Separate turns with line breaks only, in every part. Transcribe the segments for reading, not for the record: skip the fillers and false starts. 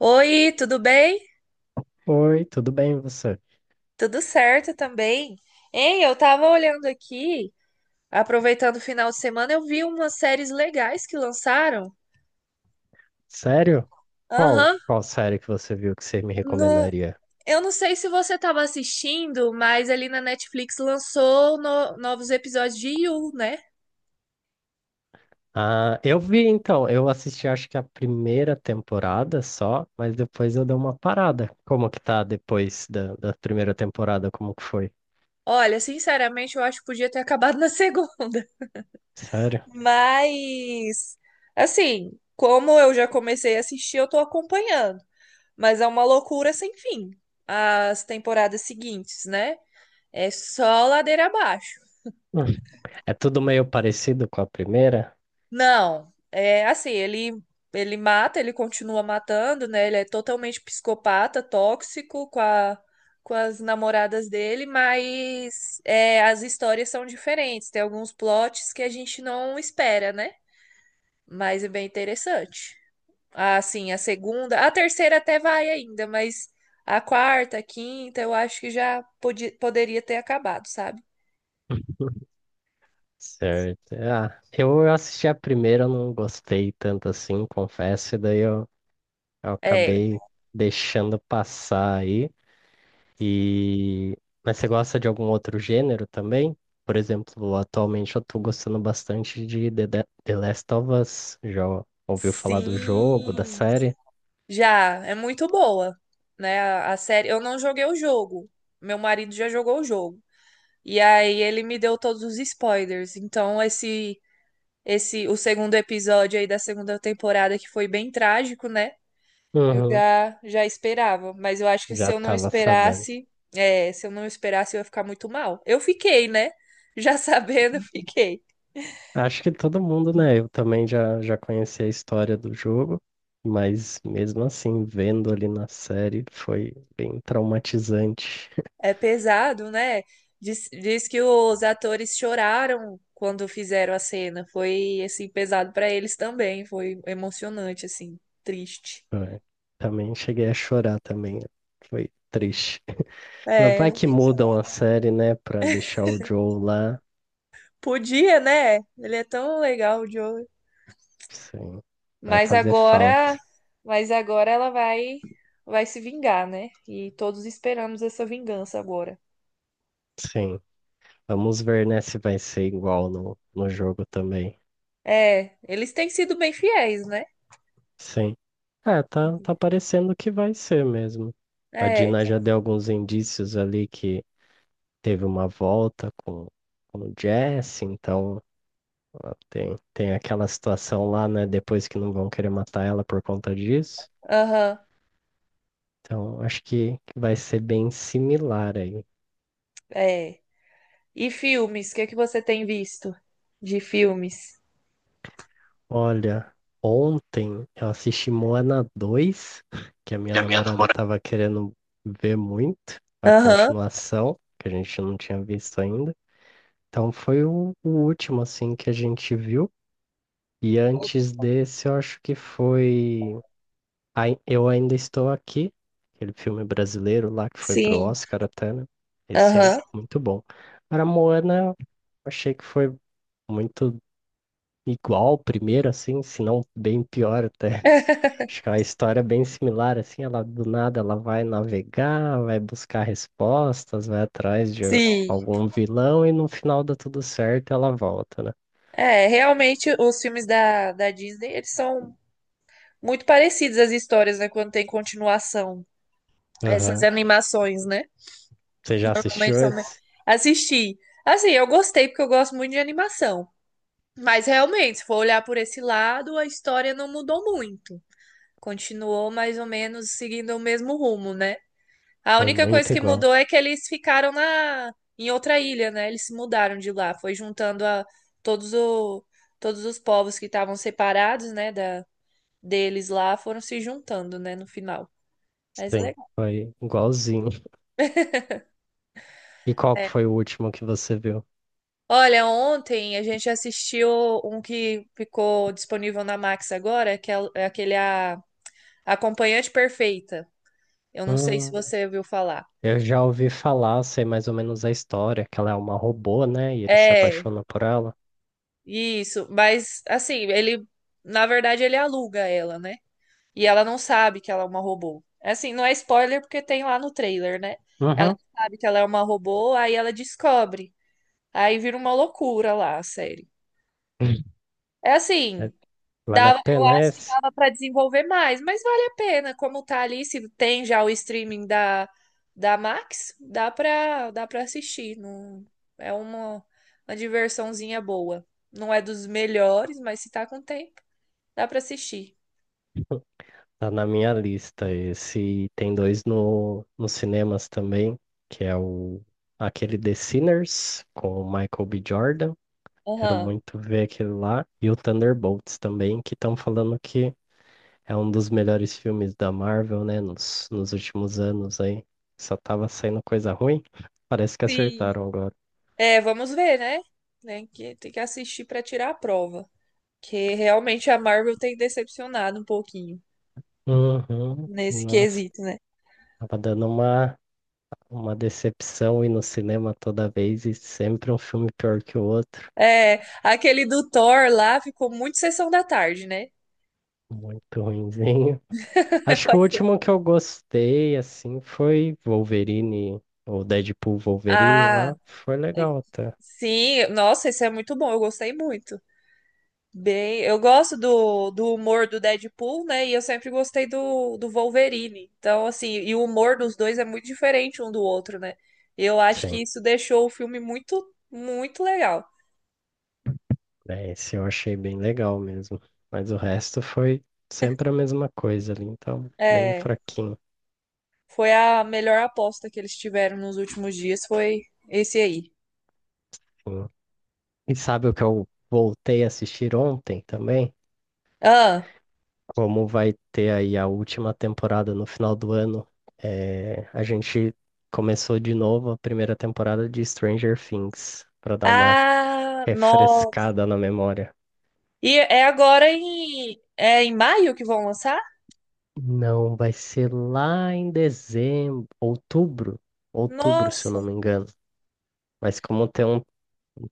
Oi, tudo bem?
Oi, tudo bem você?
Tudo certo também. Hein, eu tava olhando aqui, aproveitando o final de semana, eu vi umas séries legais que lançaram.
Sério? Qual?
Aham.
Qual série que você viu que você me
No,
recomendaria?
eu não sei se você tava assistindo, mas ali na Netflix lançou novos episódios de You, né?
Ah, eu vi então, eu assisti acho que a primeira temporada só, mas depois eu dei uma parada. Como que tá depois da primeira temporada? Como que foi?
Olha, sinceramente, eu acho que podia ter acabado na segunda.
Sério?
Mas, assim, como eu já comecei a assistir, eu tô acompanhando. Mas é uma loucura sem fim, as temporadas seguintes, né? É só ladeira abaixo.
Hum. É tudo meio parecido com a primeira?
Não, é assim, ele mata, ele continua matando, né? Ele é totalmente psicopata, tóxico com a, com as namoradas dele, mas é, as histórias são diferentes. Tem alguns plots que a gente não espera, né? Mas é bem interessante. Ah, sim, a segunda, a terceira até vai ainda, mas a quarta, a quinta, eu acho que já podia, poderia ter acabado, sabe?
Certo. Ah, eu assisti a primeira, eu não gostei tanto assim, confesso, e eu
É,
acabei deixando passar aí. E... Mas você gosta de algum outro gênero também? Por exemplo, atualmente eu tô gostando bastante de The Last of Us. Já ouviu falar do jogo, da
sim.
série?
Já, é muito boa, né? A série. Eu não joguei o jogo. Meu marido já jogou o jogo. E aí ele me deu todos os spoilers. Então esse o segundo episódio aí da segunda temporada que foi bem trágico, né? Eu
Uhum,
já já esperava, mas eu acho que se
já
eu não
tava sabendo.
esperasse, é, se eu não esperasse eu ia ficar muito mal. Eu fiquei, né? Já sabendo, eu fiquei.
Acho que todo mundo, né? Eu também já conheci a história do jogo, mas mesmo assim, vendo ali na série, foi bem traumatizante.
É pesado, né? Diz que os atores choraram quando fizeram a cena. Foi assim pesado pra eles também. Foi emocionante, assim, triste.
É, também cheguei a chorar também. Foi triste. Ela vai
É,
que mudam a série, né, pra deixar o Joe lá.
podia, né? Ele é tão legal, o Joey.
Sim, vai
Mas
fazer
agora,
falta.
mas agora ela vai se vingar, né? E todos esperamos essa vingança agora.
Sim, vamos ver, né, se vai ser igual no jogo também.
É, eles têm sido bem fiéis, né?
Sim. É, tá parecendo que vai ser mesmo. A
É,
Dina já deu alguns indícios ali que teve uma volta com o Jesse, então ó, tem aquela situação lá, né? Depois que não vão querer matar ela por conta disso.
aham,
Então acho que vai ser bem similar aí.
é. E filmes? O que é que você tem visto de filmes?
Olha, ontem eu assisti Moana 2, que a minha
Que é a minha
namorada
namorada.
tava querendo ver muito, a
Aham,
continuação, que a gente não tinha visto ainda. Então foi o último, assim, que a gente viu. E antes desse, eu acho que foi Ai- Eu Ainda Estou Aqui, aquele filme brasileiro lá que foi pro
sim,
Oscar até, né? Esse é
aham,
muito bom. Agora, Moana, eu achei que foi muito igual ao primeiro, assim, se não bem pior até. Acho que é uma história bem similar, assim, ela do nada ela vai navegar, vai buscar respostas, vai atrás de
sim.
algum vilão e no final dá tudo certo, ela volta, né?
É, realmente os filmes da Disney, eles são muito parecidos as histórias, né? Quando tem continuação. Essas
Aham.
animações, né?
Você já
Realmente
assistiu
são me-
esse?
Assisti. Assim, eu gostei porque eu gosto muito de animação. Mas realmente, se for olhar por esse lado, a história não mudou muito. Continuou mais ou menos seguindo o mesmo rumo, né? A
Foi
única coisa
muito
que
igual.
mudou é que eles ficaram na em outra ilha, né? Eles se mudaram de lá, foi juntando a todos o todos os povos que estavam separados, né, da deles lá, foram se juntando, né, no final. Mas é
Sim,
legal.
foi igualzinho. E qual que foi o último que você viu?
Olha, ontem a gente assistiu um que ficou disponível na Max agora, que é aquele a Acompanhante Perfeita. Eu não sei se
Hum,
você ouviu falar.
eu já ouvi falar, sei mais ou menos a história, que ela é uma robô, né? E ele se
É,
apaixona por ela.
isso, mas assim, ele na verdade ele aluga ela, né? E ela não sabe que ela é uma robô. É, assim, não é spoiler porque tem lá no trailer, né? Ela
Uhum.
não sabe que ela é uma robô, aí ela descobre. Aí vira uma loucura lá a série. É
É-
assim,
Vale a
dava, eu
pena
acho que
esse?
dava pra desenvolver mais, mas vale a pena. Como tá ali, se tem já o streaming da Max, dá pra assistir. Não, é uma diversãozinha boa. Não é dos melhores, mas se tá com tempo, dá pra assistir.
Tá na minha lista esse. E tem dois no, nos cinemas também, que é o aquele The Sinners com o Michael B. Jordan. Quero
Aham.
muito ver aquele lá. E o Thunderbolts também, que estão falando que é um dos melhores filmes da Marvel, né? Nos últimos anos aí. Só tava saindo coisa ruim. Parece que
Sim.
acertaram agora.
É, vamos ver, né? Tem que assistir pra tirar a prova. Que realmente a Marvel tem decepcionado um pouquinho
Uhum.
nesse
Nossa,
quesito, né?
tava dando uma decepção ir no cinema toda vez e sempre um filme pior que o outro.
É, aquele do Thor lá ficou muito sessão da tarde, né?
Muito ruinzinho. Acho que o último que eu gostei, assim, foi Wolverine, ou Deadpool Wolverine
Ah,
lá. Foi
é-
legal até.
sim, nossa, esse é muito bom, eu gostei muito. Bem, eu gosto do humor do Deadpool, né? E eu sempre gostei do Wolverine. Então, assim, e o humor dos dois é muito diferente um do outro, né? Eu acho
Sim,
que isso deixou o filme muito, muito legal.
é, esse eu achei bem legal mesmo. Mas o resto foi sempre a mesma coisa ali, então, bem
É.
fraquinho.
Foi a melhor aposta que eles tiveram nos últimos dias, foi esse aí.
Assim. E sabe o que eu voltei a assistir ontem também?
Ah,
Como vai ter aí a última temporada no final do ano, é, a gente começou de novo a primeira temporada de Stranger Things, para dar uma
ah, nossa.
refrescada na memória.
E é em maio que vão lançar?
Não, vai ser lá em dezembro, outubro, se eu não
Nossa.
me engano. Mas como tem um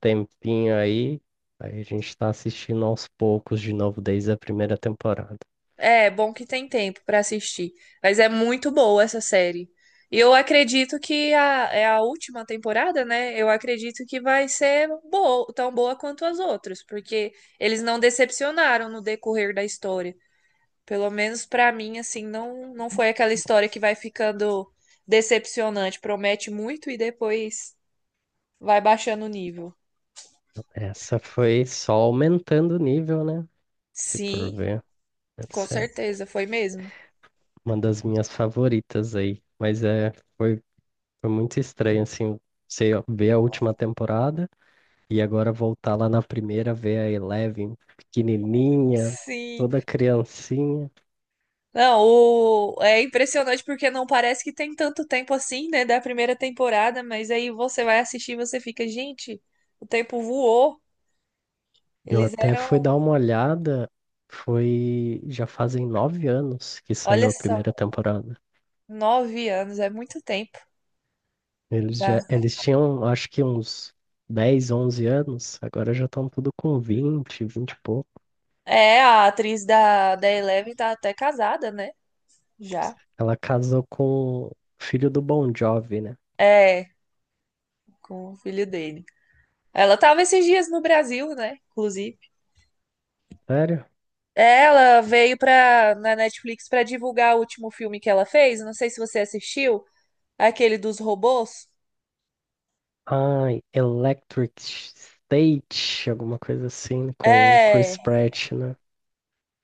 tempinho aí, a gente tá assistindo aos poucos de novo desde a primeira temporada.
É, bom que tem tempo pra assistir. Mas é muito boa essa série. E eu acredito que é a última temporada, né? Eu acredito que vai ser boa, tão boa quanto as outras, porque eles não decepcionaram no decorrer da história. Pelo menos pra mim, assim, não, não foi aquela história que vai ficando decepcionante. Promete muito e depois vai baixando o nível.
Essa foi só aumentando o nível, né? Se for
Sim,
ver,
com
essa é
certeza, foi mesmo.
uma das minhas favoritas aí. Mas foi, foi muito estranho, assim, você ver a última temporada. E agora voltar lá na primeira, ver a Eleven pequenininha,
Sim.
toda criancinha.
Não, é impressionante porque não parece que tem tanto tempo assim, né, da primeira temporada, mas aí você vai assistir e você fica, gente, o tempo voou.
Eu
Eles
até fui
eram,
dar uma olhada, foi já fazem 9 anos que saiu
olha
a
só,
primeira temporada.
9 anos, é muito tempo. Da...
Eles tinham, acho que uns 10 11 anos, agora já estão tudo com 20 e poucos.
É, a atriz da Eleven tá até casada, né? Já.
Ela casou com o filho do Bon Jovi, né?
É, com o filho dele. Ela tava esses dias no Brasil, né? Inclusive.
Sério?
Ela veio na Netflix pra divulgar o último filme que ela fez. Não sei se você assistiu, aquele dos robôs.
Ai, Electric State, alguma coisa assim, com o
É,
Chris Pratt, né?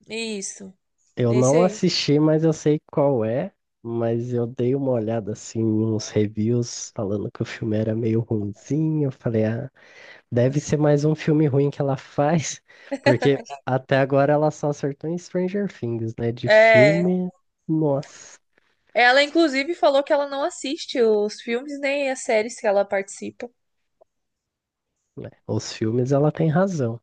isso.
Eu
Esse
não
aí.
assisti, mas eu sei qual é. Mas eu dei uma olhada assim em uns reviews falando que o filme era meio ruinzinho. Eu falei, ah, deve ser mais um filme ruim que ela faz, porque até agora ela só acertou em Stranger Things, né? De
É.
filme, nossa,
Ela, inclusive, falou que ela não assiste os filmes nem as séries que ela participa.
né? Os filmes ela tem razão.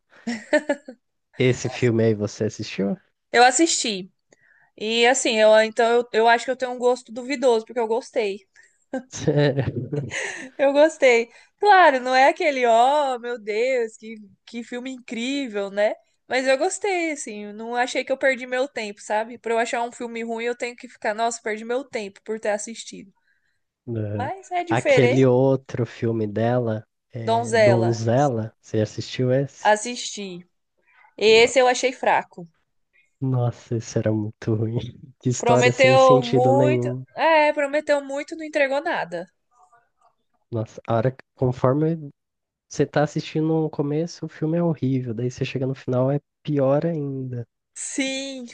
Esse filme aí você assistiu?
Eu assisti. E assim, eu acho que eu tenho um gosto duvidoso, porque eu gostei.
Sério?
Eu gostei. Claro, não é aquele, ó, meu Deus, que filme incrível, né? Mas eu gostei, assim, eu não achei que eu perdi meu tempo, sabe? Pra eu achar um filme ruim, eu tenho que ficar, nossa, perdi meu tempo por ter assistido.
Aham.
Mas é diferente.
Aquele outro filme dela, é,
Donzela,
Donzela, você assistiu esse?
assisti. Esse eu
Nossa.
achei fraco.
Nossa, isso era muito ruim. Que história sem
Prometeu
sentido
muito.
nenhum.
É, prometeu muito, não entregou nada.
Nossa, a hora, que- conforme você tá assistindo o começo, o filme é horrível. Daí você chega no final, é pior ainda.
Sim,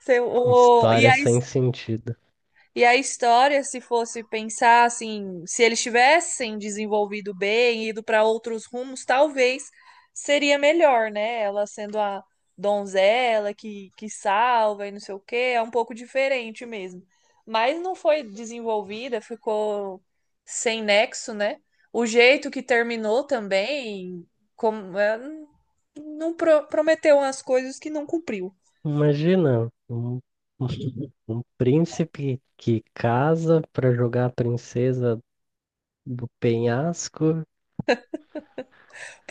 e
História
aí.
sem sentido.
E a história, se fosse pensar assim, se eles tivessem desenvolvido bem, ido para outros rumos, talvez seria melhor, né? Ela sendo a donzela que salva e não sei o quê, é um pouco diferente mesmo. Mas não foi desenvolvida, ficou sem nexo, né? O jeito que terminou também, como é, não prometeu umas coisas que não cumpriu
Imagina um, um príncipe que casa pra jogar a princesa do penhasco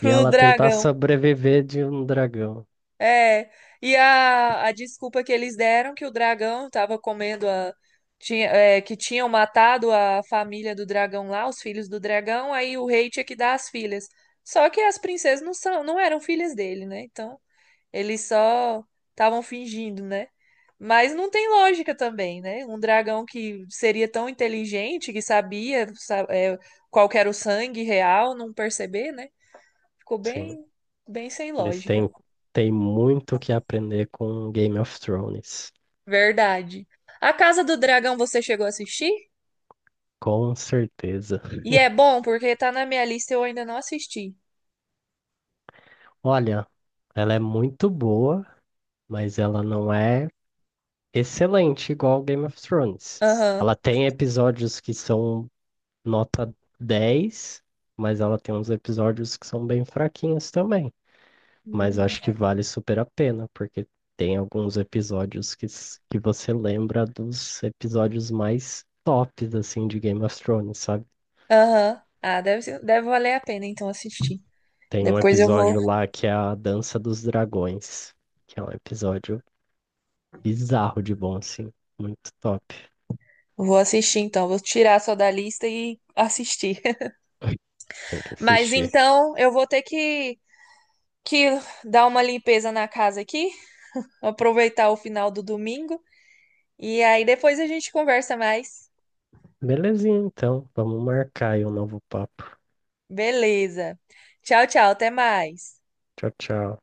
e ela tentar
dragão.
sobreviver de um dragão.
É, e a desculpa que eles deram que o dragão estava comendo a. Tinha, é, que tinham matado a família do dragão lá, os filhos do dragão, aí o rei tinha que dar as filhas. Só que as princesas não são, não eram filhas dele, né? Então, eles só estavam fingindo, né? Mas não tem lógica também, né? Um dragão que seria tão inteligente, que sabia, qual que era o sangue real, não perceber, né? Ficou
Sim,
bem, bem sem
eles
lógica.
têm, têm muito o que aprender com Game of Thrones.
Verdade. A Casa do Dragão você chegou a assistir?
Com certeza.
E é bom, porque tá na minha lista e eu ainda não assisti.
Olha, ela é muito boa, mas ela não é excelente igual Game of Thrones.
Aham.
Ela tem episódios que são nota 10, mas ela tem uns episódios que são bem fraquinhos também. Mas acho que
Hum.
vale super a pena, porque tem alguns episódios que s- que você lembra dos episódios mais tops, assim, de Game of Thrones, sabe?
Aham. Ah, deve valer a pena então assistir.
Tem um
Depois eu vou,
episódio lá que é a Dança dos Dragões, que é um episódio bizarro de bom, assim. Muito top.
vou assistir então. Vou tirar só da lista e assistir.
Tem que
Mas
assistir.
então eu vou ter que dar uma limpeza na casa aqui, aproveitar o final do domingo. E aí depois a gente conversa mais.
Belezinha, então. Vamos marcar aí um novo papo.
Beleza. Tchau, tchau. Até mais.
Tchau, tchau.